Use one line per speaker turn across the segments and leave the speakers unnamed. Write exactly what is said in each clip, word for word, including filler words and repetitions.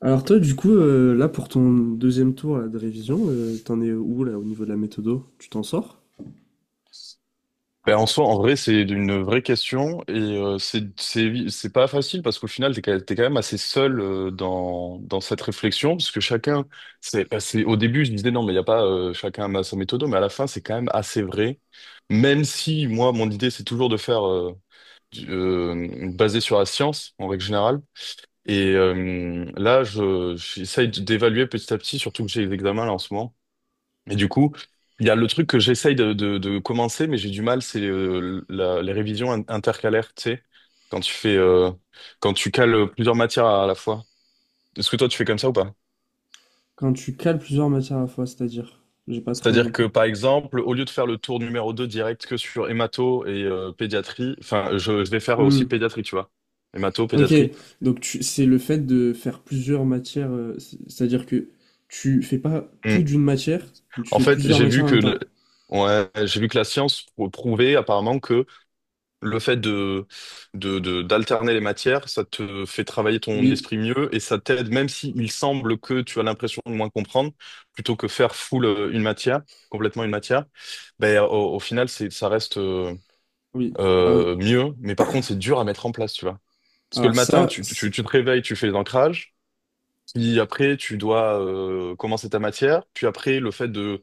Alors toi, du coup, euh, là, pour ton deuxième tour là, de révision, euh, t'en es où là au niveau de la méthodo? Tu t'en sors?
Ben, en soi, en vrai, c'est une vraie question et euh, c'est c'est c'est pas facile parce qu'au final, t'es quand t'es quand même assez seul euh, dans dans cette réflexion parce que chacun, c'est ben, c'est- au début, je me disais non, mais il y a pas euh, chacun a sa méthode, mais à la fin, c'est quand même assez vrai. Même si moi, mon idée, c'est toujours de faire euh, du- euh, basé sur la science en règle générale. Et euh, là, je j'essaye d'évaluer petit à petit, surtout que j'ai les examens là en ce moment. Et du coup, il y a le truc que j'essaye de, de, de commencer, mais j'ai du mal, c'est euh, la- les révisions in- intercalaires, tu sais, quand tu fais, euh, quand tu cales plusieurs matières à la fois. Est-ce que toi, tu fais comme ça ou pas?
Quand tu cales plusieurs matières à la fois, c'est-à-dire? J'ai pas très bien
C'est-à-dire que,
compris.
par exemple, au lieu de faire le tour numéro deux direct que sur hémato et euh, pédiatrie, enfin, je, je vais faire aussi
Hmm.
pédiatrie, tu vois. Hémato,
Ok,
pédiatrie.
donc tu- c'est le fait de faire plusieurs matières, euh, c- c'est-à-dire que tu fais pas tout
Mm.
d'une matière, mais tu
En
fais
fait,
plusieurs
j'ai
matières
vu
en
que,
même
le-
temps.
ouais, j'ai vu que la science prou- prouvait apparemment que Le fait de, de, de- d'alterner les matières, ça te fait travailler ton
Oui,
esprit mieux et ça t'aide, même si il semble que tu as l'impression de moins comprendre, plutôt que faire full euh, une matière, complètement une matière, ben, au, au final, c'est, ça reste euh,
oui. Alors,
euh, mieux. Mais par contre, c'est dur à mettre en place, tu vois. Parce que le
alors
matin,
ça,
tu, tu,
c'est-
tu te réveilles, tu fais l'ancrage, puis après, tu dois euh, commencer ta matière, puis après, le fait de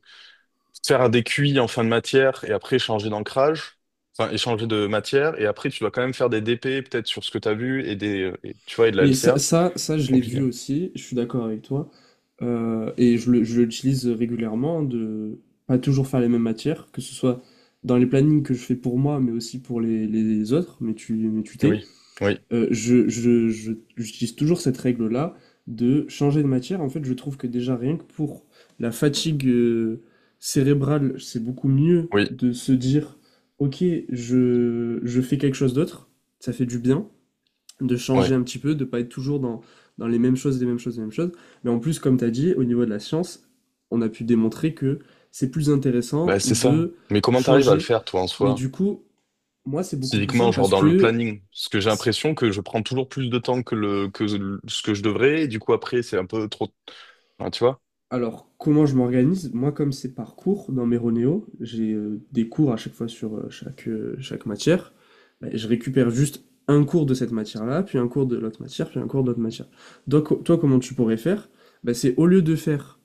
faire un décuit en fin de matière et après changer d'ancrage, enfin échanger de matière, et après tu dois quand même faire des D P peut-être sur ce que tu as vu et des euh, et, tu vois et de la
mais ça,
L C A.
ça, ça, je l'ai vu
Compliqué.
aussi, je suis d'accord avec toi. Euh, et je le- je l'utilise régulièrement de pas toujours faire les mêmes matières, que ce soit dans les plannings que je fais pour moi, mais aussi pour les, les autres, mais tu, mais tu t'es.
Oui, oui,
Euh, je, je, je- j'utilise toujours cette règle-là de changer de matière. En fait, je trouve que déjà rien que pour la fatigue euh, cérébrale, c'est beaucoup mieux
oui,
de se dire, ok, je, je fais quelque chose d'autre, ça fait du bien de changer
ouais.
un petit peu, de pas être toujours dans, dans les mêmes choses, les mêmes choses, les mêmes choses. Mais en plus, comme tu as dit, au niveau de la science, on a pu démontrer que c'est plus
Bah
intéressant
c'est ça.
de
Mais comment t'arrives à le
changer.
faire toi en
Mais
soi?
du coup, moi, c'est beaucoup plus
Physiquement,
simple
genre
parce
dans le
que,
planning. Parce que j'ai l'impression que je prends toujours plus de temps que le que le- ce que je devrais, et du coup après c'est un peu trop. Enfin, tu vois?
alors, comment je m'organise? Moi, comme c'est par cours dans mes Ronéo, j'ai euh, des cours à chaque fois sur euh, chaque, euh, chaque matière. Ben, je récupère juste un cours de cette matière-là, puis un cours de l'autre matière, puis un cours de l'autre matière. Donc, toi, comment tu pourrais faire? Ben, c'est au lieu de faire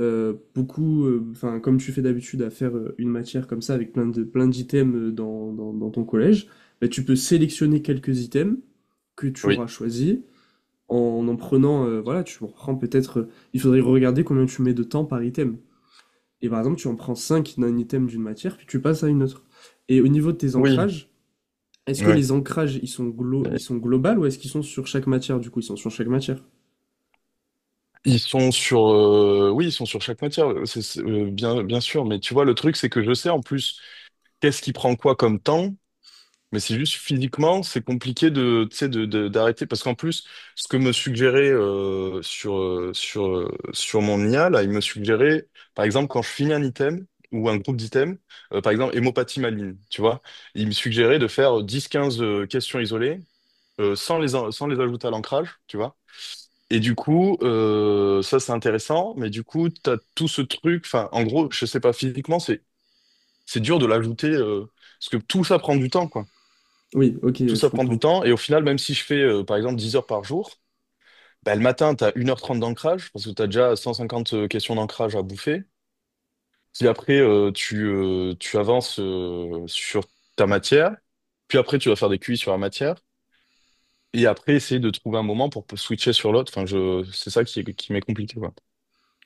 euh, beaucoup, euh, enfin, comme tu fais d'habitude à faire euh, une matière comme ça avec plein de, plein d'items euh, dans, dans, dans ton collège, bah, tu peux sélectionner quelques items que tu
Oui.
auras choisis en en prenant, euh, voilà, tu en prends peut-être, euh, il faudrait regarder combien tu mets de temps par item. Et par exemple, tu en prends cinq d'un item d'une matière, puis tu passes à une autre. Et au niveau de tes
Oui,
ancrages, est-ce que
oui.
les ancrages, ils sont, glo ils sont globaux ou est-ce qu'ils sont sur chaque matière, du coup, ils sont sur chaque matière?
Ils sont sur, euh, oui, ils sont sur chaque matière, euh, c'est, c'est, euh, bien, bien sûr. Mais tu vois, le truc, c'est que je sais en plus qu'est-ce qui prend quoi comme temps. Mais c'est juste physiquement, c'est compliqué de, tu sais, de, de- d'arrêter. Parce qu'en plus, ce que me suggérait euh, sur, euh, sur, euh, sur mon I A, là, il me suggérait, par exemple, quand je finis un item ou un groupe d'items, euh, par exemple, hémopathie maligne, tu vois, il me suggérait de faire dix, quinze euh, questions isolées euh, sans les, en- sans les ajouter à l'ancrage, tu vois. Et du coup, euh, ça c'est intéressant, mais du coup, t'as tout ce truc, enfin, en gros, je sais pas, physiquement, c'est c'est dur de l'ajouter, euh, parce que tout ça prend du temps, quoi.
Oui, ok,
Tout
je
ça prend du
comprends.
temps, et au final, même si je fais, euh, par exemple, dix heures par jour, bah, le matin, t'as une heure trente d'ancrage, parce que tu as déjà cent cinquante questions d'ancrage à bouffer. Puis après, euh, tu, euh, tu avances euh, sur ta matière, puis après, tu vas faire des Q I sur la matière, et après, essayer de trouver un moment pour switcher sur l'autre. Enfin, je, c'est ça qui, qui m'est compliqué, quoi.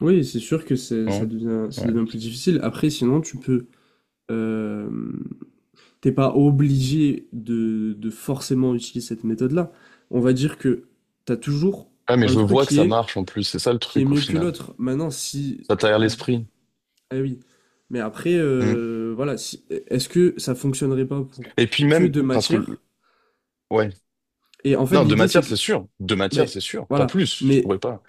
Oui, c'est sûr que c'est ça
Non?
devient ça
Ouais.
devient plus difficile. Après, sinon, tu peux, hem, t'es pas obligé de de forcément utiliser cette méthode-là. On va dire que t'as toujours
Ah, mais
un
je
truc
vois que
qui
ça
est
marche en plus, c'est ça le
qui est
truc au
mieux que
final.
l'autre. Maintenant, si
Ça t'aère l'esprit.
ah oui, mais après,
Mm.
heu, voilà, si e est-ce que ça fonctionnerait pas pour
Et puis
que
même,
deux
parce que,
matières?
ouais.
Et en fait,
Non, de
l'idée, c'est
matière,
que
c'est sûr. De matière,
mais
c'est sûr. Pas
voilà,
plus, je
mais
pourrais pas.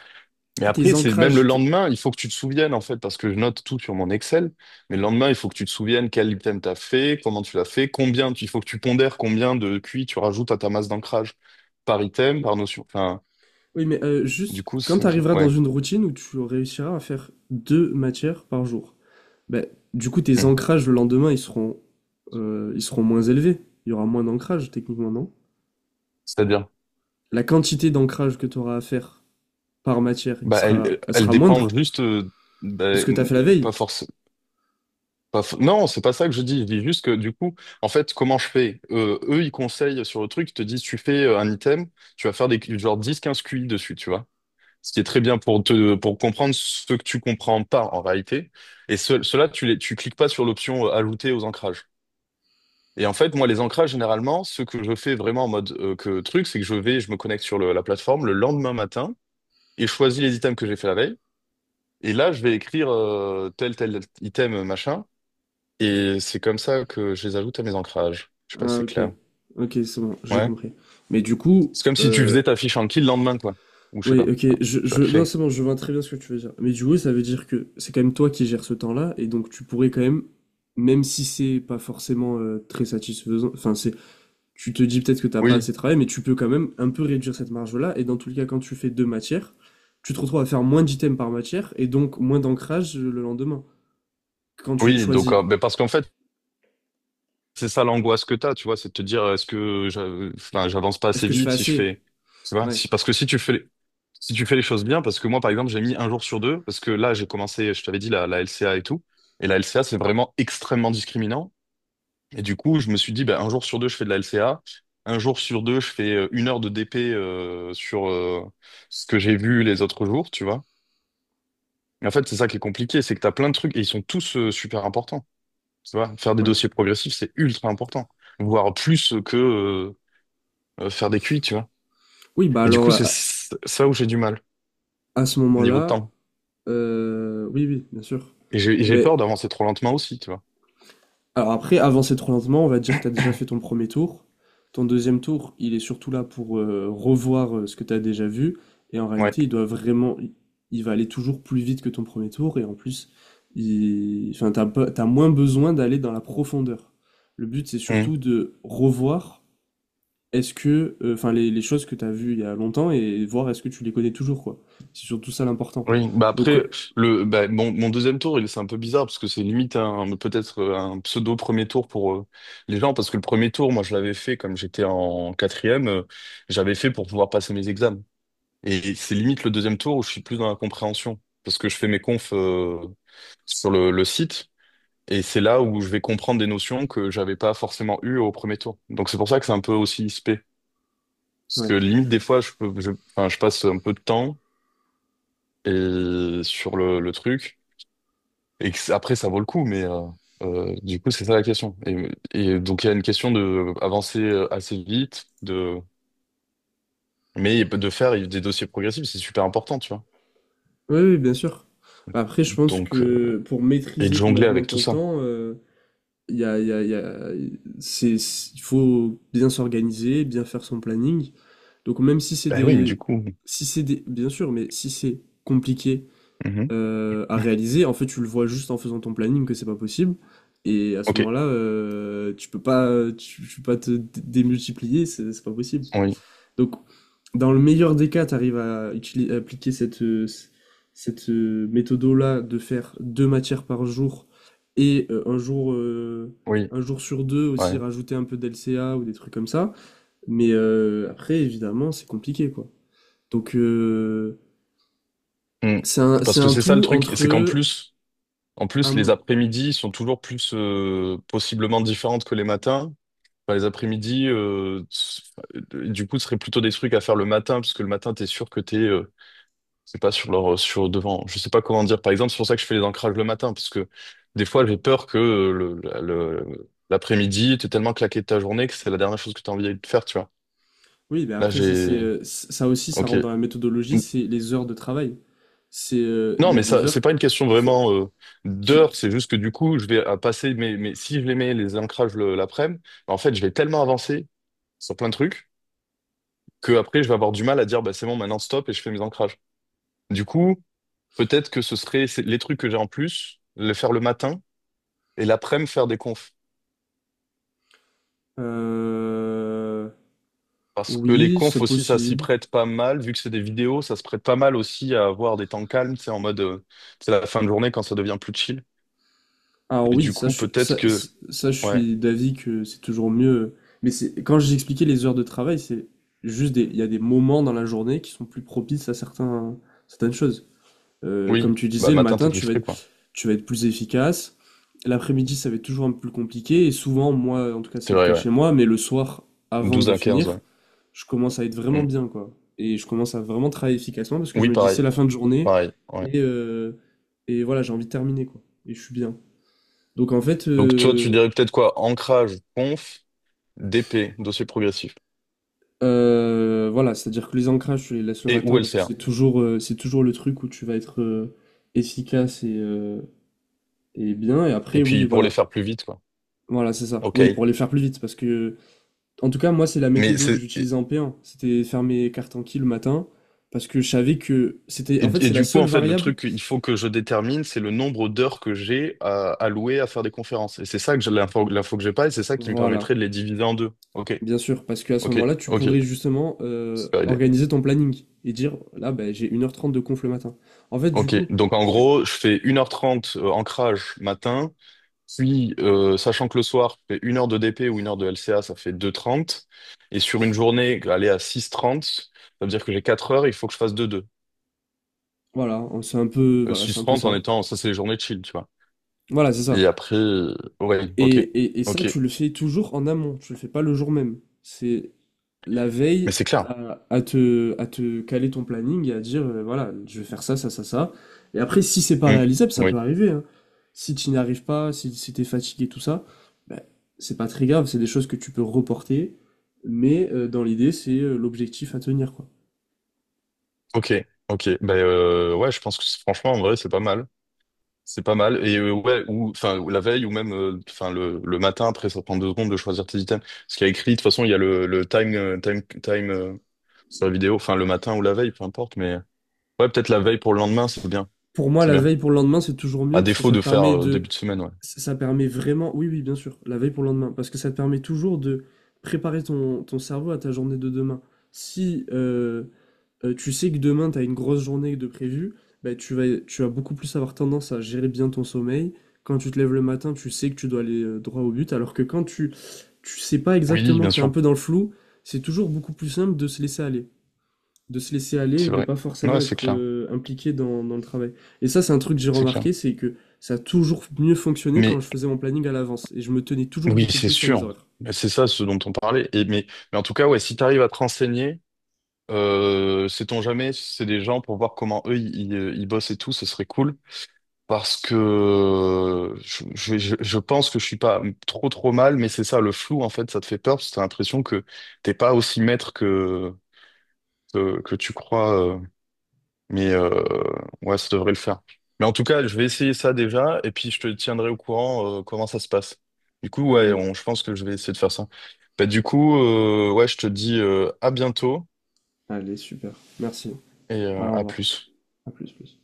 Mais après,
tes
c'est même le
ancrages,
lendemain, il faut que tu te souviennes, en fait, parce que je note tout sur mon Excel. Mais le lendemain, il faut que tu te souviennes quel item t'as fait, comment tu l'as fait, combien, tu- il faut que tu pondères combien de Q I tu rajoutes à ta masse d'ancrage par item, par notion. Enfin,
Oui, mais euh,
du
juste,
coup, c'est
quand tu
ça qui-
arriveras dans
ouais.
une routine où tu réussiras à faire deux matières par jour, ben, du coup, tes
Mm.
ancrages le lendemain, ils seront, euh, ils seront moins élevés. Il y aura moins d'ancrage, techniquement, non?
C'est-à-dire,
La quantité d'ancrage que tu auras à faire par matière, il
bah, elle,
sera, elle
elle
sera
dépend
moindre
juste, euh,
de
bah,
ce que tu as fait la veille.
pas forcément. Pas f- Non, c'est pas ça que je dis. Je dis juste que du coup, en fait, comment je fais? Euh, eux, ils conseillent sur le truc, ils te disent, tu fais euh, un item, tu vas faire des genre dix quinze Q I dessus, tu vois. Ce qui est très bien pour te pour comprendre ce que tu comprends pas en réalité. Et ce, cela, tu les tu cliques pas sur l'option euh, ajouter aux ancrages. Et en fait, moi, les ancrages, généralement, ce que je fais vraiment en mode euh, que truc, c'est que je vais, je me connecte sur le- la plateforme le lendemain matin et je choisis les items que j'ai fait la veille. Et là, je vais écrire euh, tel tel item machin. Et c'est comme ça que je les ajoute à mes ancrages. Je sais pas si
Ah,
c'est
ok.
clair.
Ok, c'est bon, j'ai
Ouais.
compris. Mais du coup,
C'est comme si tu
euh,
faisais ta fiche Anki le lendemain, quoi. Ou je sais
Oui,
pas.
ok,
Enfin,
je,
tu vas
je, non,
créer.
c'est bon, je vois très bien ce que tu veux dire. Mais du coup, ça veut dire que c'est quand même toi qui gères ce temps-là, et donc tu pourrais quand même, même si c'est pas forcément euh, très satisfaisant, enfin, c'est, tu te dis peut-être que t'as pas
Oui.
assez de travail, mais tu peux quand même un peu réduire cette marge-là, et dans tous les cas, quand tu fais deux matières, tu te retrouves à faire moins d'items par matière, et donc moins d'ancrage euh, le lendemain, quand tu les
Oui, donc,
choisis.
euh, mais parce qu'en fait, c'est ça l'angoisse que t'as, tu vois, c'est de te dire, est-ce que j'a- enfin, j'avance pas
Est-ce
assez
que je fais
vite si je
assez?
fais, tu vois,
Ouais,
si, parce que si tu fais, les- si tu fais les choses bien, parce que moi, par exemple, j'ai mis un jour sur deux, parce que là, j'ai commencé, je t'avais dit, la, la L C A et tout, et la L C A, c'est vraiment extrêmement discriminant, Et du coup, je me suis dit, bah, un jour sur deux, je fais de la L C A. Un jour sur deux, je fais euh, une heure de D P euh, sur euh, ce que j'ai vu les autres jours, tu vois. Et en fait, c'est ça qui est compliqué, c'est que tu as plein de trucs et ils sont tous euh, super importants. Tu vois, faire des
ouais.
dossiers progressifs, c'est ultra important, voire plus que euh, euh, faire des Q I, tu vois.
Oui, bah
Et du coup,
alors,
c'est
à,
c- ça où j'ai du mal,
à ce
au niveau de
moment-là,
temps.
euh, oui, oui, bien sûr.
Et j'ai et
Eh
j'ai
ben,
peur d'avancer trop lentement aussi, tu vois.
alors après, avancer trop lentement, on va dire que tu as déjà fait ton premier tour. Ton deuxième tour, il est surtout là pour euh, revoir euh, ce que tu as déjà vu. Et en
Ouais.
réalité, il doit vraiment, il va aller toujours plus vite que ton premier tour. Et en plus, il... enfin, t'as pas- t'as moins besoin d'aller dans la profondeur. Le but, c'est
Mmh.
surtout de revoir est-ce que, euh, enfin, les, les choses que tu as vues il y a longtemps et voir est-ce que tu les connais toujours, quoi. C'est surtout ça l'important.
Oui, bah
Donc,
après,
euh,
le, bah, mon, mon deuxième tour, il c'est un peu bizarre parce que c'est limite un, peut-être euh, un pseudo premier tour pour euh, les gens parce que le premier tour, moi, je l'avais fait comme j'étais en quatrième, euh, j'avais fait pour pouvoir passer mes examens. Et c'est limite le deuxième tour où je suis plus dans la compréhension parce que je fais mes confs euh, sur le, le site et c'est là où je vais comprendre des notions que j'avais pas forcément eues au premier tour. Donc c'est pour ça que c'est un peu aussi spé parce que
ouais.
limite des fois, je peux, je, enfin, je passe un peu de temps et sur le, le truc. Et que c- après, ça vaut le coup, mais euh, euh, du coup, c'est ça la question. Et, et donc, il y a une question de avancer euh, assez vite, de mais de faire des dossiers progressifs, c'est super important, tu vois.
Oui, oui, bien sûr. Bah, après, je pense
Donc, euh,
que pour
et de
maîtriser
jongler
complètement
avec tout
ton
ça.
temps, euh, il y a, il y a- il y a- c'est, c'est- il faut bien s'organiser, bien faire son planning. Donc, même si c'est
Bah oui, mais du
des,
coup.
si c'est des, bien sûr, mais si c'est compliqué
Mhm.
euh, à réaliser, en fait, tu le vois juste en faisant ton planning que c'est pas possible. Et à ce
Ok,
moment-là, euh, tu peux pas, tu, tu peux pas te dé- démultiplier, c'est c'est pas possible.
oui,
Donc, dans le meilleur des cas, tu arrives à, utili- à appliquer cette, euh, c- cette euh, méthode-là de faire deux matières par jour et euh, un jour, euh,
oui,
un jour sur deux aussi
ouais.
rajouter un peu d'L C A ou des trucs comme ça. Mais euh, après, évidemment, c'est compliqué, quoi. Donc, euh,
Mm.
c'est un,
Parce
c'est
que
un
c'est ça le
tout
truc, c'est qu'en
entre...
plus, en plus, les
un-
après-midi sont toujours plus euh, possiblement différentes que les matins. Enfin, les après-midi, euh, s- euh, du coup, ce serait plutôt des trucs à faire le matin, parce que le matin, t'es sûr que t'es es C'est pas sur leur, sur devant. Je sais pas comment dire. Par exemple, c'est pour ça que je fais les ancrages le matin, parce que des fois, j'ai peur que euh, le, le- l'après-midi, t'es tellement claqué de ta journée que c'est la dernière chose que t'as envie de faire, tu vois.
Oui, mais
Là,
après, ça, c'est,
j'ai,
euh, c- ça aussi, ça
ok.
rentre dans la méthodologie, c'est les heures de travail. C'est, euh, Il
Non,
y a
mais
des
ça,
heures
c'est pas une question
qui sont...
vraiment euh,
Qui,
d'heure.
qui-
C'est juste que du coup, je vais à passer mes, mes, si je les mets les ancrages le- l'après-midi, en fait, je vais tellement avancer sur plein de trucs que après, je vais avoir du mal à dire, bah, c'est bon, maintenant stop et je fais mes ancrages. Du coup, peut-être que ce serait c'est- les trucs que j'ai en plus, les faire le matin. Et l'après-midi, faire des confs.
euh,
Parce que les
Oui,
confs
c'est
aussi, ça s'y
possible.
prête pas mal. Vu que c'est des vidéos, ça se prête pas mal aussi à avoir des temps calmes. C'est en mode, euh, c'est la fin de journée quand ça devient plus chill.
Alors
Et
oui,
du
ça,
coup,
je-
peut-être
ça,
que,
ça, je
ouais,
suis d'avis que c'est toujours mieux. Mais c'est quand j'expliquais les heures de travail, c'est juste des, il y a des moments dans la journée qui sont plus propices à certains, certaines choses. Euh,
oui,
comme tu
bah,
disais,
le
le
matin, t'es
matin,
plus
tu vas
frais,
être,
quoi.
tu vas être plus efficace. L'après-midi, ça va être toujours un peu plus compliqué. Et souvent, moi, en tout cas, c'est
C'est
le
vrai,
cas
ouais.
chez moi, mais le soir, avant
douze
de
à quinze
finir,
ouais.
je commence à être vraiment
Mm.
bien, quoi. Et je commence à vraiment travailler efficacement parce que je
Oui,
me dis,
pareil,
c'est la fin de journée.
pareil, ouais.
Et, euh, et voilà, j'ai envie de terminer, quoi. Et je suis bien. Donc, en fait,
Donc, toi, tu
euh,
dirais peut-être quoi? Ancrage, conf, D P, dossier progressif.
euh, voilà, c'est-à-dire que les ancrages, je les laisse le
Et ou
matin parce que
L C A.
c'est toujours, euh, c'est toujours le truc où tu vas être euh, efficace et, euh, et bien. Et
Et
après, oui,
puis, pour les
voilà.
faire plus vite, quoi.
Voilà, c'est ça.
Ok.
Oui, pour les faire plus vite, parce que, en tout cas, moi, c'est la méthode
Mais
que
c'est,
j'utilisais en P un. C'était faire mes cartes en qui le matin, parce que je savais que c'était,
Et,
en fait,
et
c'est la
du coup,
seule
en fait, le
variable.
truc qu'il faut que je détermine, c'est le nombre d'heures que j'ai à allouer à faire des conférences. Et c'est ça que j'ai l'info, l'info que j'ai pas, et c'est ça qui me
Voilà,
permettrait de les diviser en deux. Ok,
bien sûr, parce qu'à ce
ok,
moment-là, tu
ok.
pourrais justement euh,
Super idée.
organiser ton planning et dire, là, ben, j'ai une heure trente de conf le matin. En fait, du
Ok,
coup,
donc en
parce que-
gros, je fais une heure trente euh, ancrage matin, puis euh, sachant que le soir, je fais une heure de D P ou une heure de L C A, ça fait deux trente. Et sur une journée, aller à six trente, ça veut dire que j'ai quatre heures, il faut que je fasse deux deux.
voilà, c'est un peu,
six
voilà, c'est un peu
six heures trente en
ça.
étant, ça c'est les journées chill, tu vois.
Voilà, c'est ça.
Et après, euh, ouais,
Et,
ok,
et, et ça,
ok.
tu le fais toujours en amont, tu le fais pas le jour même. La veille
Mais c'est clair.
à, à te, à te caler ton planning et à dire euh, voilà, je vais faire ça, ça, ça, ça. Et après, si c'est pas
Mm.
réalisable, ça peut
Oui,
arriver. Hein. Si tu n'y arrives pas, si, si t'es fatigué, tout ça, ben, c'est pas très grave, c'est des choses que tu peux reporter, mais euh, dans l'idée, c'est euh, l'objectif à tenir, quoi.
ok, ok. Ben euh, ouais, je pense que c'est- franchement, en vrai, c'est pas mal. C'est pas mal. Et euh, ouais, ou enfin ou la veille ou même euh, enfin le, le matin après, ça prend deux secondes de choisir tes items. Parce qu'il y a écrit, de toute façon, il y a le, le time euh, time time euh, sur la vidéo, enfin le matin ou la veille, peu importe. Mais ouais, peut-être la veille pour le lendemain, c'est bien,
Pour moi,
c'est
la
bien.
veille pour le lendemain, c'est toujours
À
mieux parce que
défaut
ça
de
te
faire
permet
euh,
de.
début de semaine, ouais.
Ça ça permet vraiment. Oui, oui, bien sûr, la veille pour le lendemain. Parce que ça te permet toujours de préparer ton, ton cerveau à ta journée de demain. Si euh, euh, tu sais que demain, tu as une grosse journée de prévue, bah, tu vas, tu vas beaucoup plus avoir tendance à gérer bien ton sommeil. Quand tu te lèves le matin, tu sais que tu dois aller euh, droit au but, alors que quand tu, tu sais pas
Oui,
exactement
bien
que tu es un
sûr,
peu dans le flou, c'est toujours beaucoup plus simple de se laisser aller. De se laisser aller et
c'est
de
vrai.
pas forcément
Ouais, c'est
être
clair,
euh, impliqué dans, dans le travail. Et ça, c'est un truc que j'ai
c'est clair.
remarqué, c'est que ça a toujours mieux fonctionné quand
Mais
je faisais mon planning à l'avance et je me tenais toujours
oui,
beaucoup
c'est
plus à mes
sûr.
horaires.
Mais C'est ça ce dont on parlait. Et mais mais en tout cas, ouais, si t'arrives à te renseigner. Euh, sait-on jamais, si c'est des gens pour voir comment eux ils, ils, euh, ils bossent et tout, ce serait cool. Parce que euh, je, je, je je pense que je suis pas trop trop mal, mais c'est ça, le flou en fait, ça te fait peur parce que t'as l'impression que t'es pas aussi maître que que, que tu crois. euh, mais euh, ouais, ça devrait le faire. Mais en tout cas, je vais essayer ça déjà et puis je te tiendrai au courant euh, comment ça se passe. Du coup, ouais,
Allez,
on, je pense que je vais essayer de faire ça. Bah, du coup, euh, ouais, je te dis euh, à bientôt
allez, super. Merci.
et euh,
Allez, au
à
revoir.
plus.
À plus, plus.